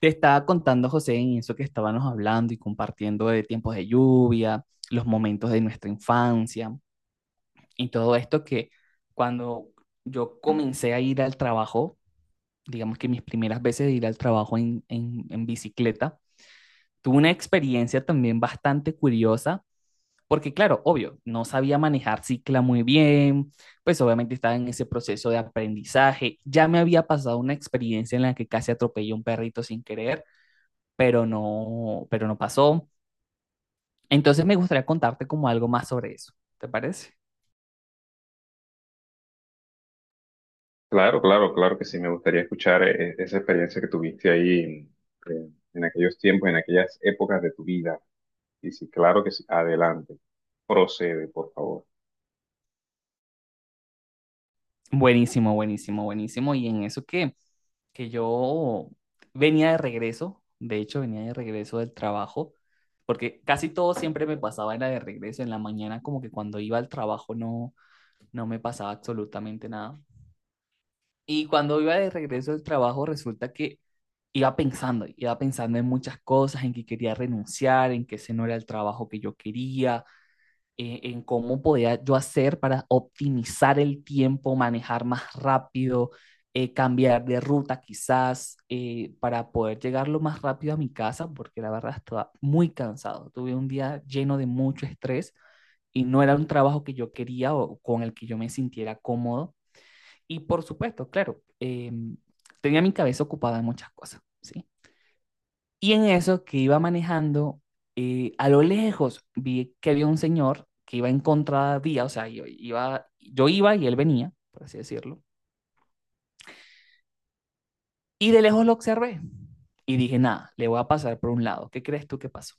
Te estaba contando, José, en eso que estábamos hablando y compartiendo de tiempos de lluvia, los momentos de nuestra infancia y todo esto que cuando yo comencé a ir al trabajo, digamos que mis primeras veces de ir al trabajo en bicicleta, tuve una experiencia también bastante curiosa, porque claro, obvio, no sabía manejar cicla muy bien, pues obviamente estaba en ese proceso de aprendizaje, ya me había pasado una experiencia en la que casi atropellé a un perrito sin querer pero no pasó. Entonces me gustaría contarte como algo más sobre eso, ¿te parece? Claro, claro, claro que sí, me gustaría escuchar esa experiencia que tuviste ahí en aquellos tiempos, en aquellas épocas de tu vida. Y sí, claro que sí, adelante, procede, por favor. Buenísimo, buenísimo, buenísimo. Y en eso que yo venía de regreso, de hecho venía de regreso del trabajo, porque casi todo siempre me pasaba en la de regreso, en la mañana como que cuando iba al trabajo no me pasaba absolutamente nada. Y cuando iba de regreso del trabajo resulta que iba pensando en muchas cosas, en que quería renunciar, en que ese no era el trabajo que yo quería, en cómo podía yo hacer para optimizar el tiempo, manejar más rápido, cambiar de ruta quizás, para poder llegar lo más rápido a mi casa, porque la verdad estaba muy cansado. Tuve un día lleno de mucho estrés y no era un trabajo que yo quería o con el que yo me sintiera cómodo. Y por supuesto, claro, tenía mi cabeza ocupada en muchas cosas, ¿sí? Y en eso que iba manejando, a lo lejos vi que había un señor que iba en contravía, o sea, yo iba y él venía, por así decirlo. Y de lejos lo observé y dije, nada, le voy a pasar por un lado. ¿Qué crees tú que pasó?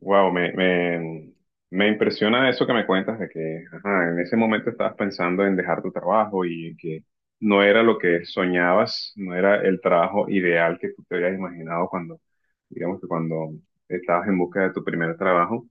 Wow, me impresiona eso que me cuentas de que, ajá, en ese momento estabas pensando en dejar tu trabajo y en que no era lo que soñabas, no era el trabajo ideal que tú te habías imaginado cuando, digamos que cuando estabas en busca de tu primer trabajo.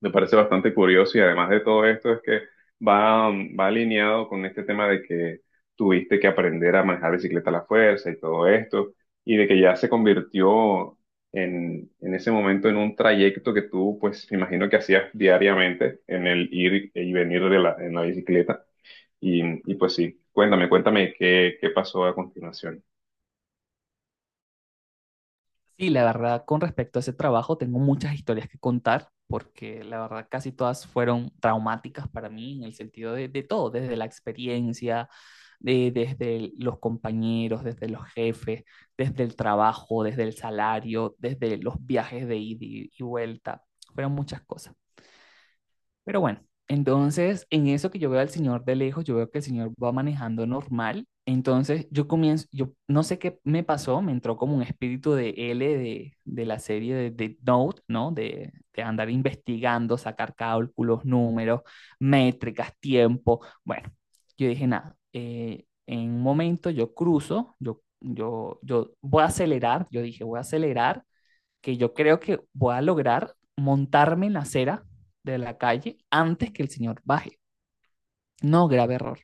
Me parece bastante curioso y además de todo esto es que va alineado con este tema de que tuviste que aprender a manejar bicicleta a la fuerza y todo esto y de que ya se convirtió en ese momento en un trayecto que tú, pues, me imagino que hacías diariamente en el ir y venir de en la bicicleta y, y pues sí, cuéntame, cuéntame qué pasó a continuación. Sí, la verdad, con respecto a ese trabajo, tengo muchas historias que contar, porque la verdad casi todas fueron traumáticas para mí en el sentido de todo, desde la experiencia, desde los compañeros, desde los jefes, desde el trabajo, desde el salario, desde los viajes de ida y vuelta, fueron muchas cosas. Pero bueno, entonces en eso que yo veo al señor de lejos, yo veo que el señor va manejando normal. Entonces yo comienzo, yo no sé qué me pasó, me entró como un espíritu de L de la serie de Note, ¿no? De andar investigando, sacar cálculos, números, métricas, tiempo. Bueno, yo dije, nada, en un momento yo cruzo, yo voy a acelerar, yo dije, voy a acelerar que yo creo que voy a lograr montarme en la acera de la calle antes que el señor baje. No, grave error.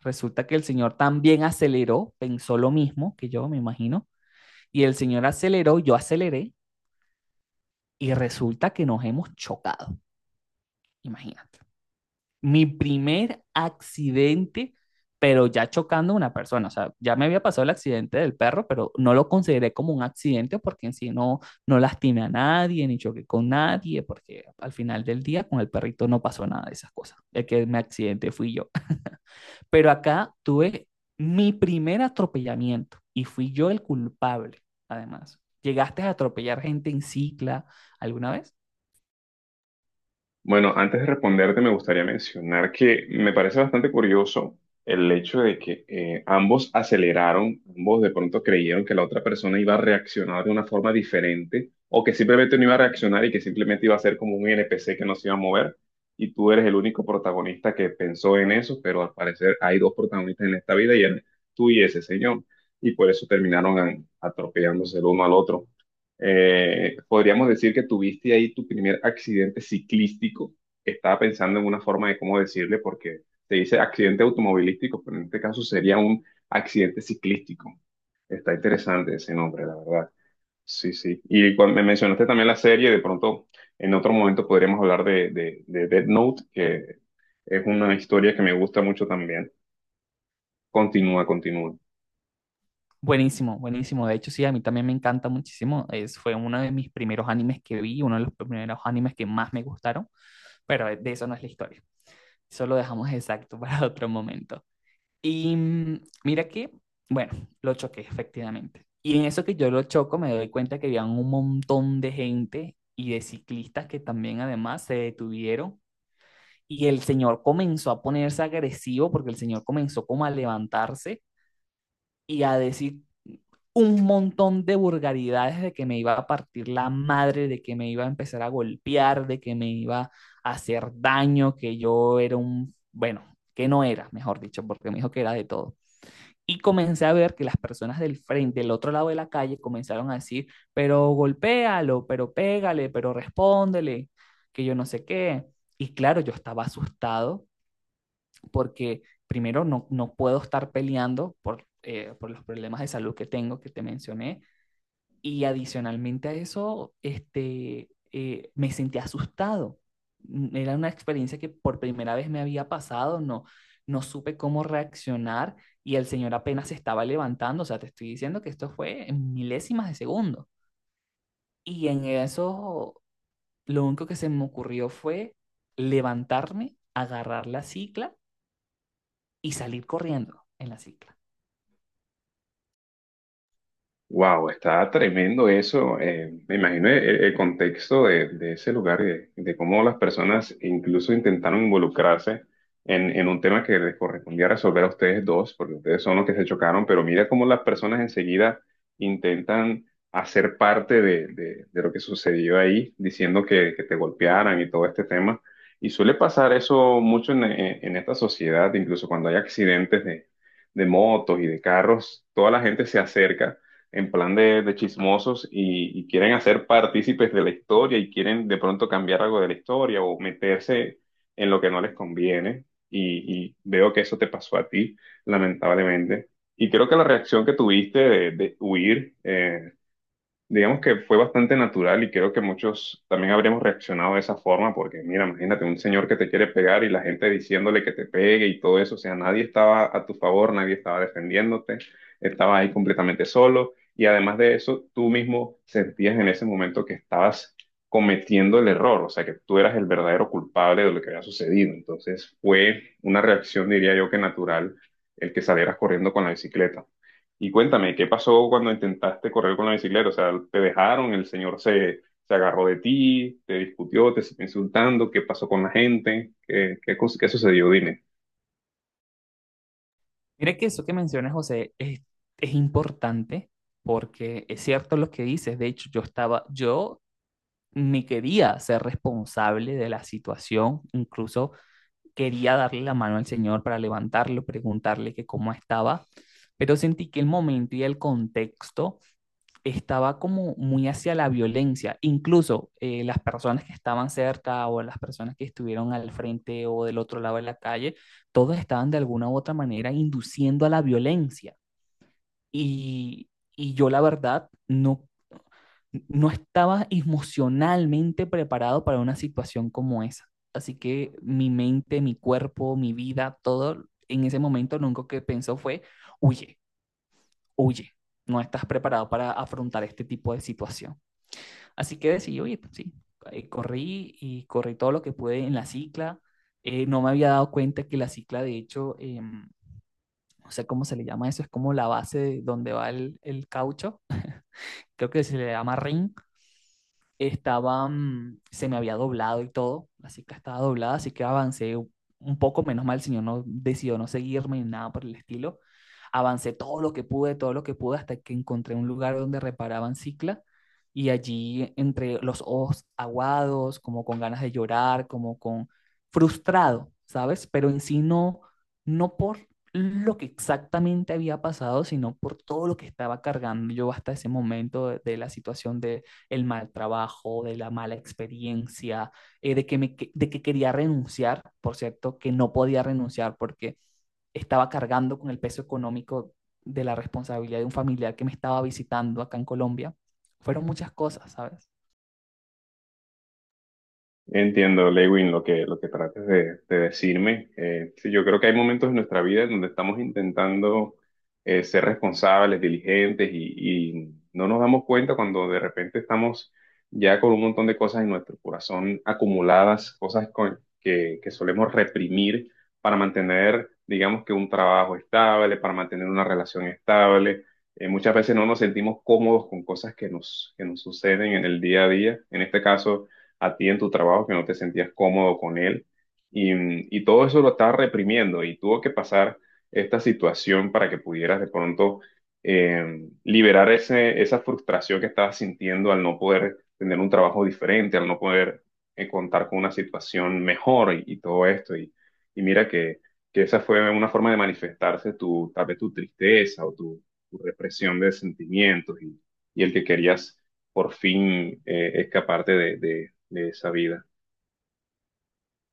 Resulta que el señor también aceleró, pensó lo mismo que yo, me imagino, y el señor aceleró, yo aceleré, y resulta que nos hemos chocado, imagínate. Mi primer accidente, pero ya chocando a una persona. O sea, ya me había pasado el accidente del perro, pero no lo consideré como un accidente porque en sí no lastimé a nadie, ni choqué con nadie, porque al final del día con el perrito no pasó nada de esas cosas. El que me accidente fui yo. Pero acá tuve mi primer atropellamiento y fui yo el culpable, además. ¿Llegaste a atropellar gente en cicla alguna vez? Bueno, antes de responderte, me gustaría mencionar que me parece bastante curioso el hecho de que ambos aceleraron, ambos de pronto creyeron que la otra persona iba a reaccionar de una forma diferente o que simplemente no iba a reaccionar y que simplemente iba a ser como un NPC que no se iba a mover. Y tú eres el único protagonista que pensó en eso, pero al parecer hay dos protagonistas en esta vida y eres tú y ese señor. Y por eso terminaron atropellándose el uno al otro. Podríamos decir que tuviste ahí tu primer accidente ciclístico. Estaba pensando en una forma de cómo decirle, porque se dice accidente automovilístico, pero en este caso sería un accidente ciclístico. Está interesante ese nombre, la verdad. Sí, sí. Y cuando me mencionaste también la serie, de pronto en otro momento podríamos hablar de Death Note, que es una historia que me gusta mucho también. Continúa, continúa. Buenísimo, buenísimo. De hecho, sí, a mí también me encanta muchísimo. Es, fue uno de mis primeros animes que vi, uno de los primeros animes que más me gustaron, pero de eso no es la historia. Eso lo dejamos exacto para otro momento. Y mira que, bueno, lo choqué, efectivamente. Y en eso que yo lo choco, me doy cuenta que había un montón de gente y de ciclistas que también además se detuvieron. Y el señor comenzó a ponerse agresivo porque el señor comenzó como a levantarse y a decir un montón de vulgaridades de que me iba a partir la madre, de que me iba a empezar a golpear, de que me iba a hacer daño, que yo era un, bueno, que no era, mejor dicho, porque me dijo que era de todo. Y comencé a ver que las personas del frente, del otro lado de la calle, comenzaron a decir, pero golpéalo, pero pégale, pero respóndele, que yo no sé qué. Y claro, yo estaba asustado porque primero no puedo estar peleando por los problemas de salud que tengo, que te mencioné, y adicionalmente a eso, me sentí asustado. Era una experiencia que por primera vez me había pasado, no supe cómo reaccionar y el señor apenas se estaba levantando, o sea, te estoy diciendo que esto fue en milésimas de segundo. Y en eso lo único que se me ocurrió fue levantarme, agarrar la cicla y salir corriendo en la cicla. Wow, está tremendo eso. Me imagino el contexto de ese lugar y de cómo las personas incluso intentaron involucrarse en un tema que les correspondía resolver a ustedes dos, porque ustedes son los que se chocaron, pero mira cómo las personas enseguida intentan hacer parte de, de lo que sucedió ahí, diciendo que te golpearan y todo este tema. Y suele pasar eso mucho en, en esta sociedad, incluso cuando hay accidentes de motos y de carros, toda la gente se acerca en plan de chismosos y quieren hacer partícipes de la historia y quieren de pronto cambiar algo de la historia o meterse en lo que no les conviene. Y veo que eso te pasó a ti, lamentablemente. Y creo que la reacción que tuviste de huir, digamos que fue bastante natural y creo que muchos también habríamos reaccionado de esa forma, porque mira, imagínate un señor que te quiere pegar y la gente diciéndole que te pegue y todo eso, o sea, nadie estaba a tu favor, nadie estaba defendiéndote, estabas ahí completamente solo y además de eso, tú mismo sentías en ese momento que estabas cometiendo el error, o sea, que tú eras el verdadero culpable de lo que había sucedido, entonces fue una reacción, diría yo, que natural el que salieras corriendo con la bicicleta. Y cuéntame, ¿qué pasó cuando intentaste correr con la bicicleta? O sea, ¿te dejaron? ¿El señor se agarró de ti? ¿Te discutió? ¿Te siguió insultando? ¿Qué pasó con la gente? ¿ qué sucedió? Dime. Mira que eso que mencionas, José, es importante porque es cierto lo que dices. De hecho, yo estaba, yo me quería ser responsable de la situación, incluso quería darle la mano al señor para levantarlo, preguntarle que cómo estaba, pero sentí que el momento y el contexto estaba como muy hacia la violencia. Incluso las personas que estaban cerca o las personas que estuvieron al frente o del otro lado de la calle, todos estaban de alguna u otra manera induciendo a la violencia. Y, y yo la verdad no estaba emocionalmente preparado para una situación como esa. Así que mi mente, mi cuerpo, mi vida, todo en ese momento lo único que pensó fue, huye, huye, no estás preparado para afrontar este tipo de situación. Así que decidí, oye, pues sí, corrí y corrí todo lo que pude en la cicla. No me había dado cuenta que la cicla, de hecho, no sé cómo se le llama eso, es como la base de donde va el caucho, creo que se le llama ring, estaba, se me había doblado y todo, así que estaba doblada, así que avancé un poco, menos mal, el señor no decidió no seguirme ni nada por el estilo. Avancé todo lo que pude, todo lo que pude, hasta que encontré un lugar donde reparaban cicla y allí entre los ojos aguados, como con ganas de llorar, como con frustrado, ¿sabes? Pero en sí no por lo que exactamente había pasado, sino por todo lo que estaba cargando yo hasta ese momento de la situación de el mal trabajo, de la mala experiencia, que me, de que quería renunciar, por cierto, que no podía renunciar porque estaba cargando con el peso económico de la responsabilidad de un familiar que me estaba visitando acá en Colombia. Fueron muchas cosas, ¿sabes? Entiendo, Lewin, lo que trates de decirme. Sí, yo creo que hay momentos en nuestra vida en donde estamos intentando ser responsables, diligentes y no nos damos cuenta cuando de repente estamos ya con un montón de cosas en nuestro corazón acumuladas, cosas que solemos reprimir para mantener, digamos que un trabajo estable, para mantener una relación estable. Muchas veces no nos sentimos cómodos con cosas que nos suceden en el día a día. En este caso a ti en tu trabajo, que no te sentías cómodo con él. Y, y todo eso lo estaba reprimiendo y tuvo que pasar esta situación para que pudieras de pronto liberar ese, esa frustración que estabas sintiendo al no poder tener un trabajo diferente, al no poder contar con una situación mejor y todo esto. Y mira que esa fue una forma de manifestarse tu, tal vez tu tristeza o tu represión de sentimientos y el que querías por fin escaparte de esa vida.